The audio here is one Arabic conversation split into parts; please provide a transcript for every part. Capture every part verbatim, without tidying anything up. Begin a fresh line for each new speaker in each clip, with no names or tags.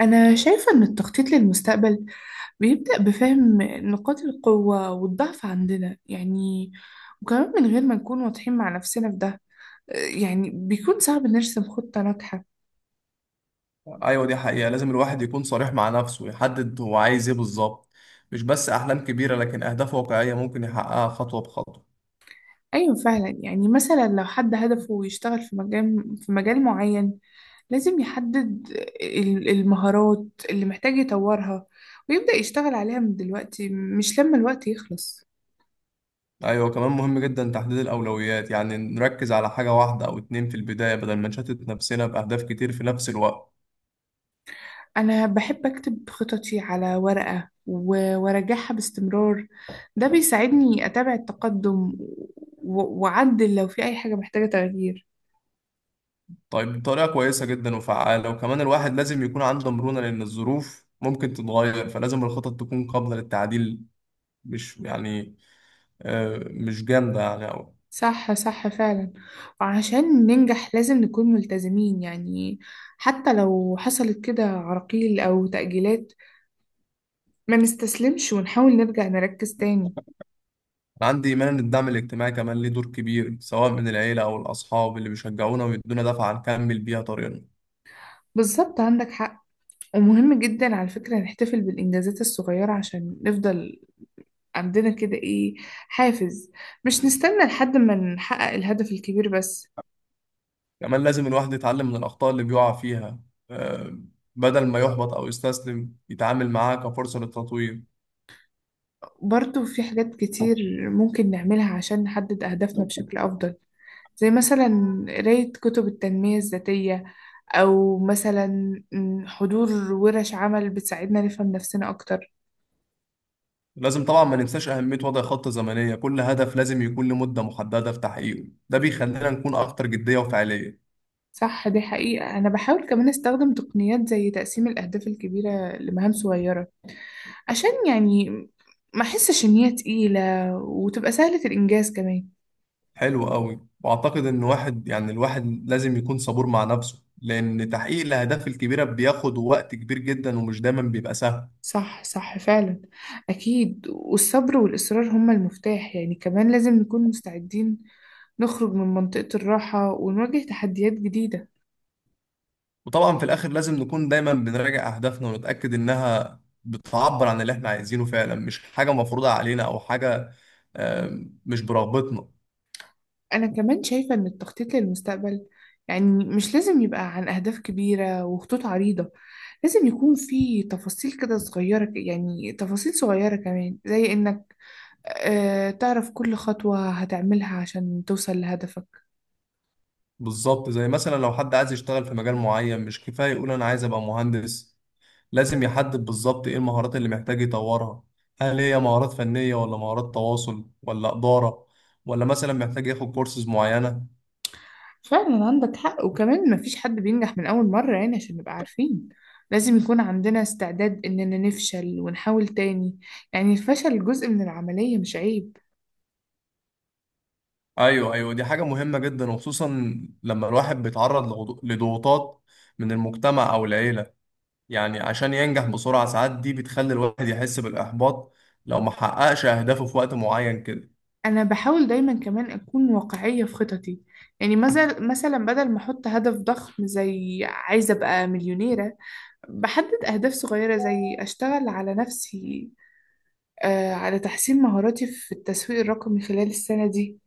أنا شايفة إن التخطيط للمستقبل بيبدأ بفهم نقاط القوة والضعف عندنا يعني وكمان من غير ما نكون واضحين مع نفسنا في ده، يعني بيكون صعب نرسم خطة ناجحة.
ايوه، دي حقيقة. لازم الواحد يكون صريح مع نفسه ويحدد هو عايز ايه بالظبط. مش بس احلام كبيرة لكن اهداف واقعية ممكن يحققها خطوة بخطوة.
أيوة فعلا، يعني مثلا لو حد هدفه يشتغل في مجال في مجال معين، لازم يحدد ال- المهارات اللي محتاج يطورها، ويبدأ يشتغل عليها من دلوقتي مش لما الوقت يخلص.
ايوه، كمان مهم جدا تحديد الاولويات، يعني نركز على حاجة واحدة او اتنين في البداية بدل ما نشتت نفسنا باهداف كتير في نفس الوقت.
أنا بحب أكتب خططي على ورقة و- وأراجعها باستمرار، ده بيساعدني أتابع التقدم و- وأعدل لو في أي حاجة محتاجة تغيير.
طيب، دي طريقة كويسة جدا وفعالة، وكمان الواحد لازم يكون عنده مرونة لان الظروف ممكن تتغير، فلازم الخطط تكون قابلة للتعديل. مش يعني آه، مش جامدة يعني أوي.
صح صح فعلا، وعشان ننجح لازم نكون ملتزمين، يعني حتى لو حصلت كده عراقيل أو تأجيلات ما نستسلمش ونحاول نرجع نركز تاني.
أنا عندي إيمان إن الدعم الاجتماعي كمان ليه دور كبير، سواء من العيلة أو الأصحاب اللي بيشجعونا ويدونا دفعة نكمل بيها طريقنا.
بالظبط، عندك حق. ومهم جدا على فكرة نحتفل بالإنجازات الصغيرة عشان نفضل عندنا كده ايه، حافز. مش نستنى لحد ما نحقق الهدف الكبير بس.
كمان لازم الواحد يتعلم من الأخطاء اللي بيقع فيها آه، بدل ما يحبط أو يستسلم يتعامل معاها كفرصة للتطوير.
برضو في حاجات كتير ممكن نعملها عشان نحدد أهدافنا بشكل أفضل، زي مثلا قراية كتب التنمية الذاتية، أو مثلا م، حضور ورش عمل بتساعدنا نفهم نفسنا أكتر.
لازم طبعا ما ننساش أهمية وضع خطة زمنية، كل هدف لازم يكون لمدة محددة في تحقيقه، ده بيخلينا نكون أكتر جدية وفعالية.
صح، دي حقيقة. أنا بحاول كمان أستخدم تقنيات زي تقسيم الأهداف الكبيرة لمهام صغيرة، عشان يعني ما أحسش إن هي تقيلة وتبقى سهلة الإنجاز كمان.
حلو قوي، وأعتقد إن واحد يعني الواحد لازم يكون صبور مع نفسه، لأن تحقيق الأهداف الكبيرة بياخد وقت كبير جدا ومش دايما بيبقى سهل.
صح صح فعلا، أكيد. والصبر والإصرار هما المفتاح، يعني كمان لازم نكون مستعدين نخرج من منطقة الراحة ونواجه تحديات جديدة.
وطبعا في الاخر لازم نكون دايما بنراجع اهدافنا ونتاكد انها بتعبر عن اللي احنا عايزينه فعلا، مش حاجه مفروضه علينا او حاجه آم، مش برغبتنا.
أنا كمان شايفة إن التخطيط للمستقبل يعني مش لازم يبقى عن أهداف كبيرة وخطوط عريضة، لازم يكون في تفاصيل كده صغيرة، ك- يعني تفاصيل صغيرة كمان، زي إنك آه تعرف كل خطوة هتعملها عشان توصل لهدفك.
بالظبط، زي مثلا لو حد عايز يشتغل في مجال معين، مش كفايه يقول انا عايز ابقى مهندس. لازم يحدد بالظبط ايه المهارات اللي محتاج يطورها. هل هي مهارات فنيه ولا مهارات تواصل ولا اداره، ولا مثلا محتاج ياخد كورسز معينه.
فعلا عندك حق. وكمان مفيش حد بينجح من أول مرة، يعني عشان نبقى عارفين لازم يكون عندنا استعداد إننا نفشل ونحاول تاني. يعني الفشل جزء من العملية مش عيب.
ايوه ايوه، دي حاجه مهمه جدا، وخصوصا لما الواحد بيتعرض لغضو- لضغوطات من المجتمع او العيله، يعني عشان ينجح بسرعة. ساعات دي بتخلي الواحد يحس بالإحباط لو ما حققش أهدافه في وقت معين كده.
أنا بحاول دايما كمان أكون واقعية في خططي، يعني مثلا مثلا بدل ما أحط هدف ضخم زي عايزة أبقى مليونيرة، بحدد أهداف صغيرة زي أشتغل على نفسي، آه على تحسين مهاراتي في التسويق الرقمي خلال السنة دي.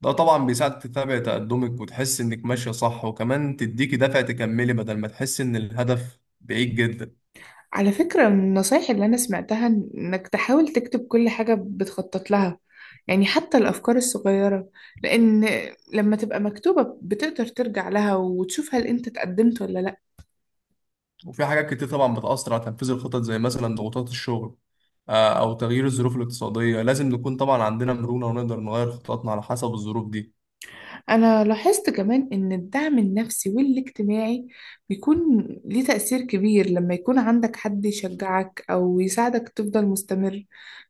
ده طبعا بيساعد تتابع تقدمك وتحس إنك ماشية صح، وكمان تديكي دافع تكملي بدل ما تحس إن الهدف بعيد جدا.
على فكرة، من النصايح اللي أنا سمعتها إن- إنك تحاول تكتب كل حاجة بتخطط لها، يعني حتى الأفكار الصغيرة، لأن لما تبقى مكتوبة بتقدر ترجع لها وتشوف هل أنت اتقدمت ولا لأ.
وفي حاجات كتير طبعا بتأثر على تنفيذ الخطط، زي مثلا ضغوطات الشغل آه، أو تغيير الظروف الاقتصادية. لازم نكون طبعا عندنا مرونة ونقدر نغير خططنا على حسب الظروف دي.
أنا لاحظت كمان إن الدعم النفسي والاجتماعي بيكون ليه تأثير كبير، لما يكون عندك حد يشجعك أو يساعدك تفضل مستمر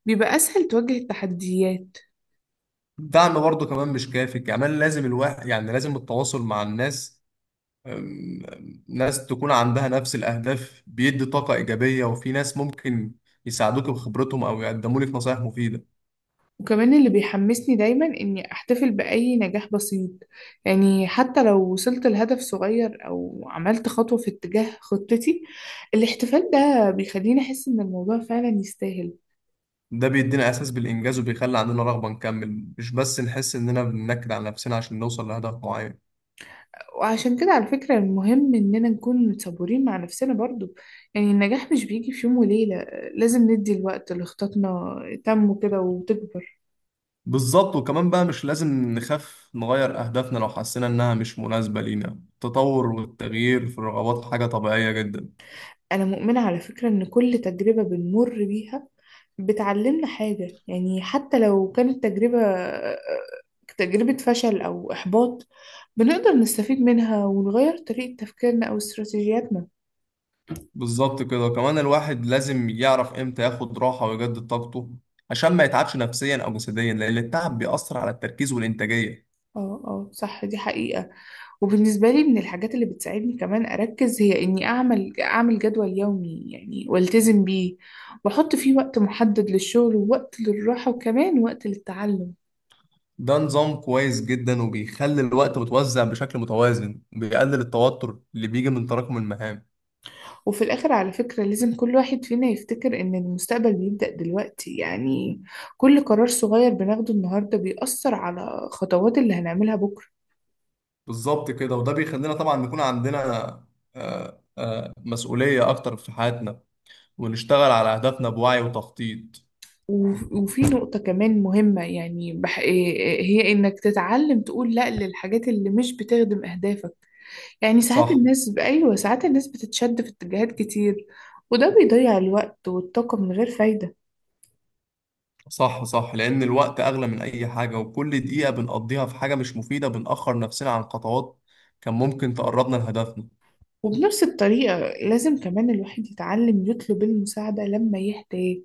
بيبقى أسهل تواجه التحديات.
الدعم برضه كمان مش كافي، كمان لازم الواحد يعني لازم التواصل مع الناس، أم- ناس تكون عندها نفس الأهداف بيدي طاقة إيجابية، وفي ناس ممكن يساعدوك بخبرتهم أو يقدموا لك نصايح مفيدة.
وكمان اللي بيحمسني دايما إني أحتفل بأي نجاح بسيط، يعني حتى لو وصلت لهدف صغير أو عملت خطوة في اتجاه خطتي، الاحتفال ده بيخليني أحس إن الموضوع فعلا يستاهل.
ده بيدينا إحساس بالإنجاز وبيخلي عندنا رغبة نكمل، مش بس نحس إننا بننكد على نفسنا عشان نوصل لهدف معين.
وعشان كده على فكرة المهم إننا نكون صبورين مع نفسنا برضو، يعني النجاح مش بيجي في يوم وليلة، لازم ندي الوقت لخططنا تنمو كده وتكبر.
بالظبط، وكمان بقى مش لازم نخاف نغير أهدافنا لو حسينا إنها مش مناسبة لينا. التطور والتغيير في الرغبات حاجة طبيعية جدا.
أنا مؤمنة على فكرة إن كل تجربة بنمر بيها بتعلمنا حاجة، يعني حتى لو كانت تجربة تجربة فشل أو إحباط بنقدر نستفيد منها ونغير طريقة تفكيرنا أو استراتيجياتنا.
بالظبط كده، كمان الواحد لازم يعرف امتى ياخد راحة ويجدد طاقته عشان ما يتعبش نفسيا أو جسديا، لأن التعب بيأثر على التركيز والإنتاجية.
اه اه صح، دي حقيقة. وبالنسبة لي، من الحاجات اللي بتساعدني كمان أركز هي إني أعمل أعمل جدول يومي يعني والتزم بيه، وأحط فيه وقت محدد للشغل ووقت للراحة وكمان وقت للتعلم.
ده نظام كويس جدا وبيخلي الوقت متوزع بشكل متوازن وبيقلل التوتر اللي بيجي من تراكم المهام.
وفي الآخر على فكرة لازم كل واحد فينا يفتكر إن المستقبل بيبدأ دلوقتي، يعني كل قرار صغير بناخده النهاردة بيأثر على خطوات اللي هنعملها بكرة.
بالظبط كده، وده بيخلينا طبعا نكون عندنا آه، آه، مسؤولية أكتر في حياتنا، ونشتغل على أهدافنا بوعي وتخطيط.
و- وفي نقطة كمان مهمة، يعني بح... إيه- هي إنك تتعلم تقول لأ للحاجات اللي مش بتخدم أهدافك. يعني ساعات
صح.
الناس، أيوة ساعات الناس بتتشد في اتجاهات كتير وده بيضيع الوقت والطاقة من غير فايدة.
صح صح لأن الوقت أغلى من أي حاجة، وكل دقيقة بنقضيها في حاجة مش مفيدة بنأخر نفسنا عن خطوات كان ممكن تقربنا لهدفنا.
وبنفس الطريقة لازم كمان الواحد يتعلم يطلب المساعدة لما يحتاج،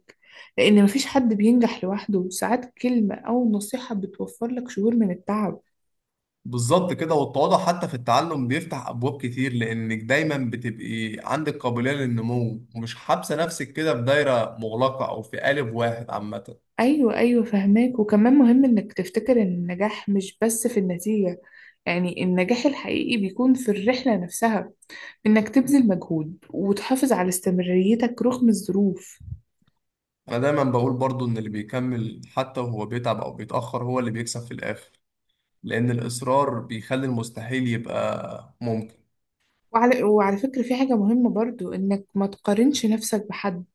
لأن مفيش حد بينجح لوحده. ساعات كلمة أو نصيحة بتوفر لك شهور من التعب.
بالظبط كده، والتواضع حتى في التعلم بيفتح أبواب كتير، لأنك دايما بتبقي عندك قابلية للنمو ومش حابسة نفسك كده في دايرة مغلقة أو في قالب واحد عامة.
أيوة أيوة فهماك. وكمان مهم إنك تفتكر إن النجاح مش بس في النتيجة، يعني النجاح الحقيقي بيكون في الرحلة نفسها، إنك تبذل مجهود وتحافظ على استمراريتك رغم الظروف.
أنا دايما بقول برضو إن اللي بيكمل حتى وهو بيتعب أو بيتأخر هو اللي بيكسب في الآخر، لأن الإصرار بيخلي المستحيل يبقى ممكن.
وعلى, وعلى فكرة في حاجة مهمة برضو إنك ما تقارنش نفسك بحد،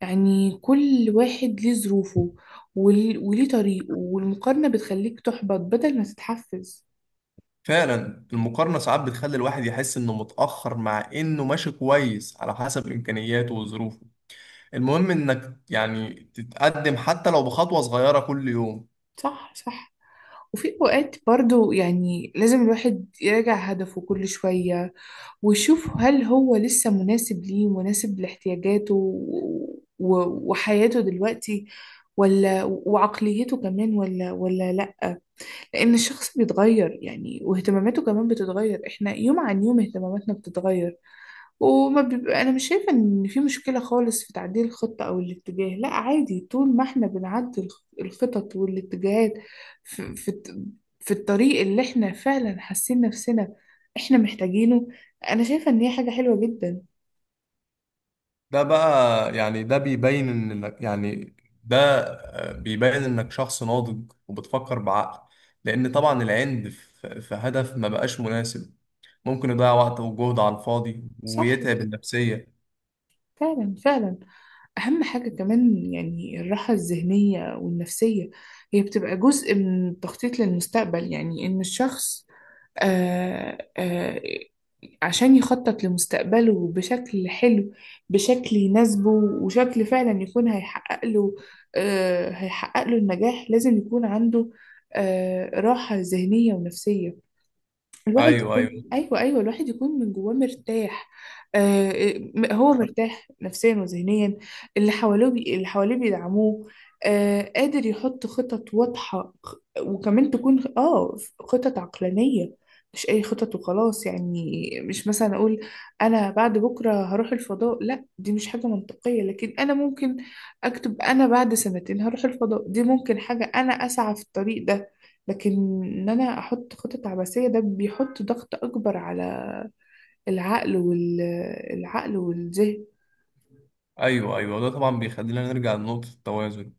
يعني كل واحد ليه ظروفه ول- وليه طريقه، والمقارنة بتخليك تحبط بدل ما تتحفز.
فعلا، المقارنة ساعات بتخلي الواحد يحس إنه متأخر مع إنه ماشي كويس على حسب إمكانياته وظروفه. المهم إنك يعني تتقدم حتى لو بخطوة صغيرة كل يوم.
صح صح. وفي أوقات برضو يعني لازم الواحد يراجع هدفه كل شوية، ويشوف هل هو لسه مناسب ليه، مناسب لاحتياجاته و- و- وحياته دلوقتي ولا، وعقليته كمان ولا، ولا لا. لأن الشخص بيتغير يعني، واهتماماته كمان بتتغير، احنا يوم عن يوم اهتماماتنا بتتغير وما بيبقى. أنا مش شايفة إن في مشكلة خالص في تعديل الخطة أو الاتجاه، لا عادي، طول ما إحنا بنعدل الخ- الخطط والاتجاهات في, في, الت- في الطريق اللي إحنا فعلا حاسين نفسنا إحنا محتاجينه، أنا شايفة إن هي حاجة حلوة جدا.
ده بقى يعني ده بيبين إنك يعني ده آه، بيبين إنك شخص ناضج وبتفكر بعقل، لأن طبعا العند في في هدف ما بقاش مناسب ممكن يضيع وقت وجهد على الفاضي
صح
ويتعب النفسية.
فعلا فعلا. أهم حاجة كمان يعني الراحة الذهنية والنفسية هي بتبقى جزء من التخطيط للمستقبل، يعني إن الشخص آه، آه، عشان يخطط لمستقبله بشكل حلو، بشكل يناسبه وشكل فعلا يكون هيحقق له، آه، هيحقق له النجاح، لازم يكون عنده آه، راحة ذهنية ونفسية. الواحد
أيوه
يكون،
أيوه،
ايوه ايوه، الواحد يكون من جواه مرتاح. آه م- هو مرتاح نفسيا وذهنيا، اللي حواليه بي... اللي حواليه بيدعموه، آه قادر يحط خطط واضحة، خ- وكمان تكون خ- اه خطط عقلانية، مش اي خطط وخلاص. يعني مش مثلا اقول انا بعد بكرة هروح الفضاء، لا دي مش حاجة منطقية، لكن انا ممكن اكتب انا بعد سنتين هروح الفضاء، دي ممكن حاجة انا اسعى في الطريق ده. لكن ان انا احط خطط عبثية، ده بيحط ضغط اكبر على العقل، والعقل والذهن.
ايوه ايوه، ده طبعا بيخلينا نرجع لنقطة التوازن.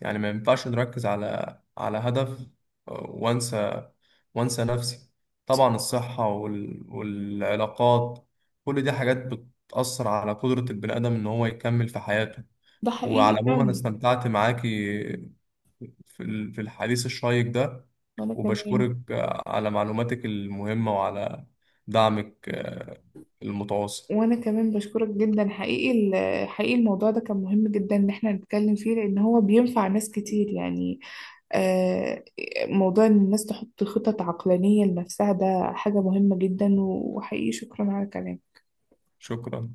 يعني ما ينفعش نركز على على هدف آه، وانسى وانسى نفسي. طبعا الصحة وال... والعلاقات، كل دي حاجات بتأثر على قدرة البني آدم ان هو يكمل في حياته.
ده
وعلى
حقيقي
العموم، انا
فعلا.
استمتعت معاكي في ال- في الحديث الشيق ده،
وانا كمان
وبشكرك آه، على معلوماتك المهمة وعلى دعمك آه، المتواصل.
وانا كمان بشكرك جدا حقيقي، ال- حقيقي الموضوع ده كان مهم جدا ان احنا نتكلم فيه، لان هو بينفع ناس كتير يعني. آه، موضوع ان الناس تحط خطط عقلانية لنفسها ده حاجة مهمة جدا، وحقيقي شكرا على كلامك.
شكرا.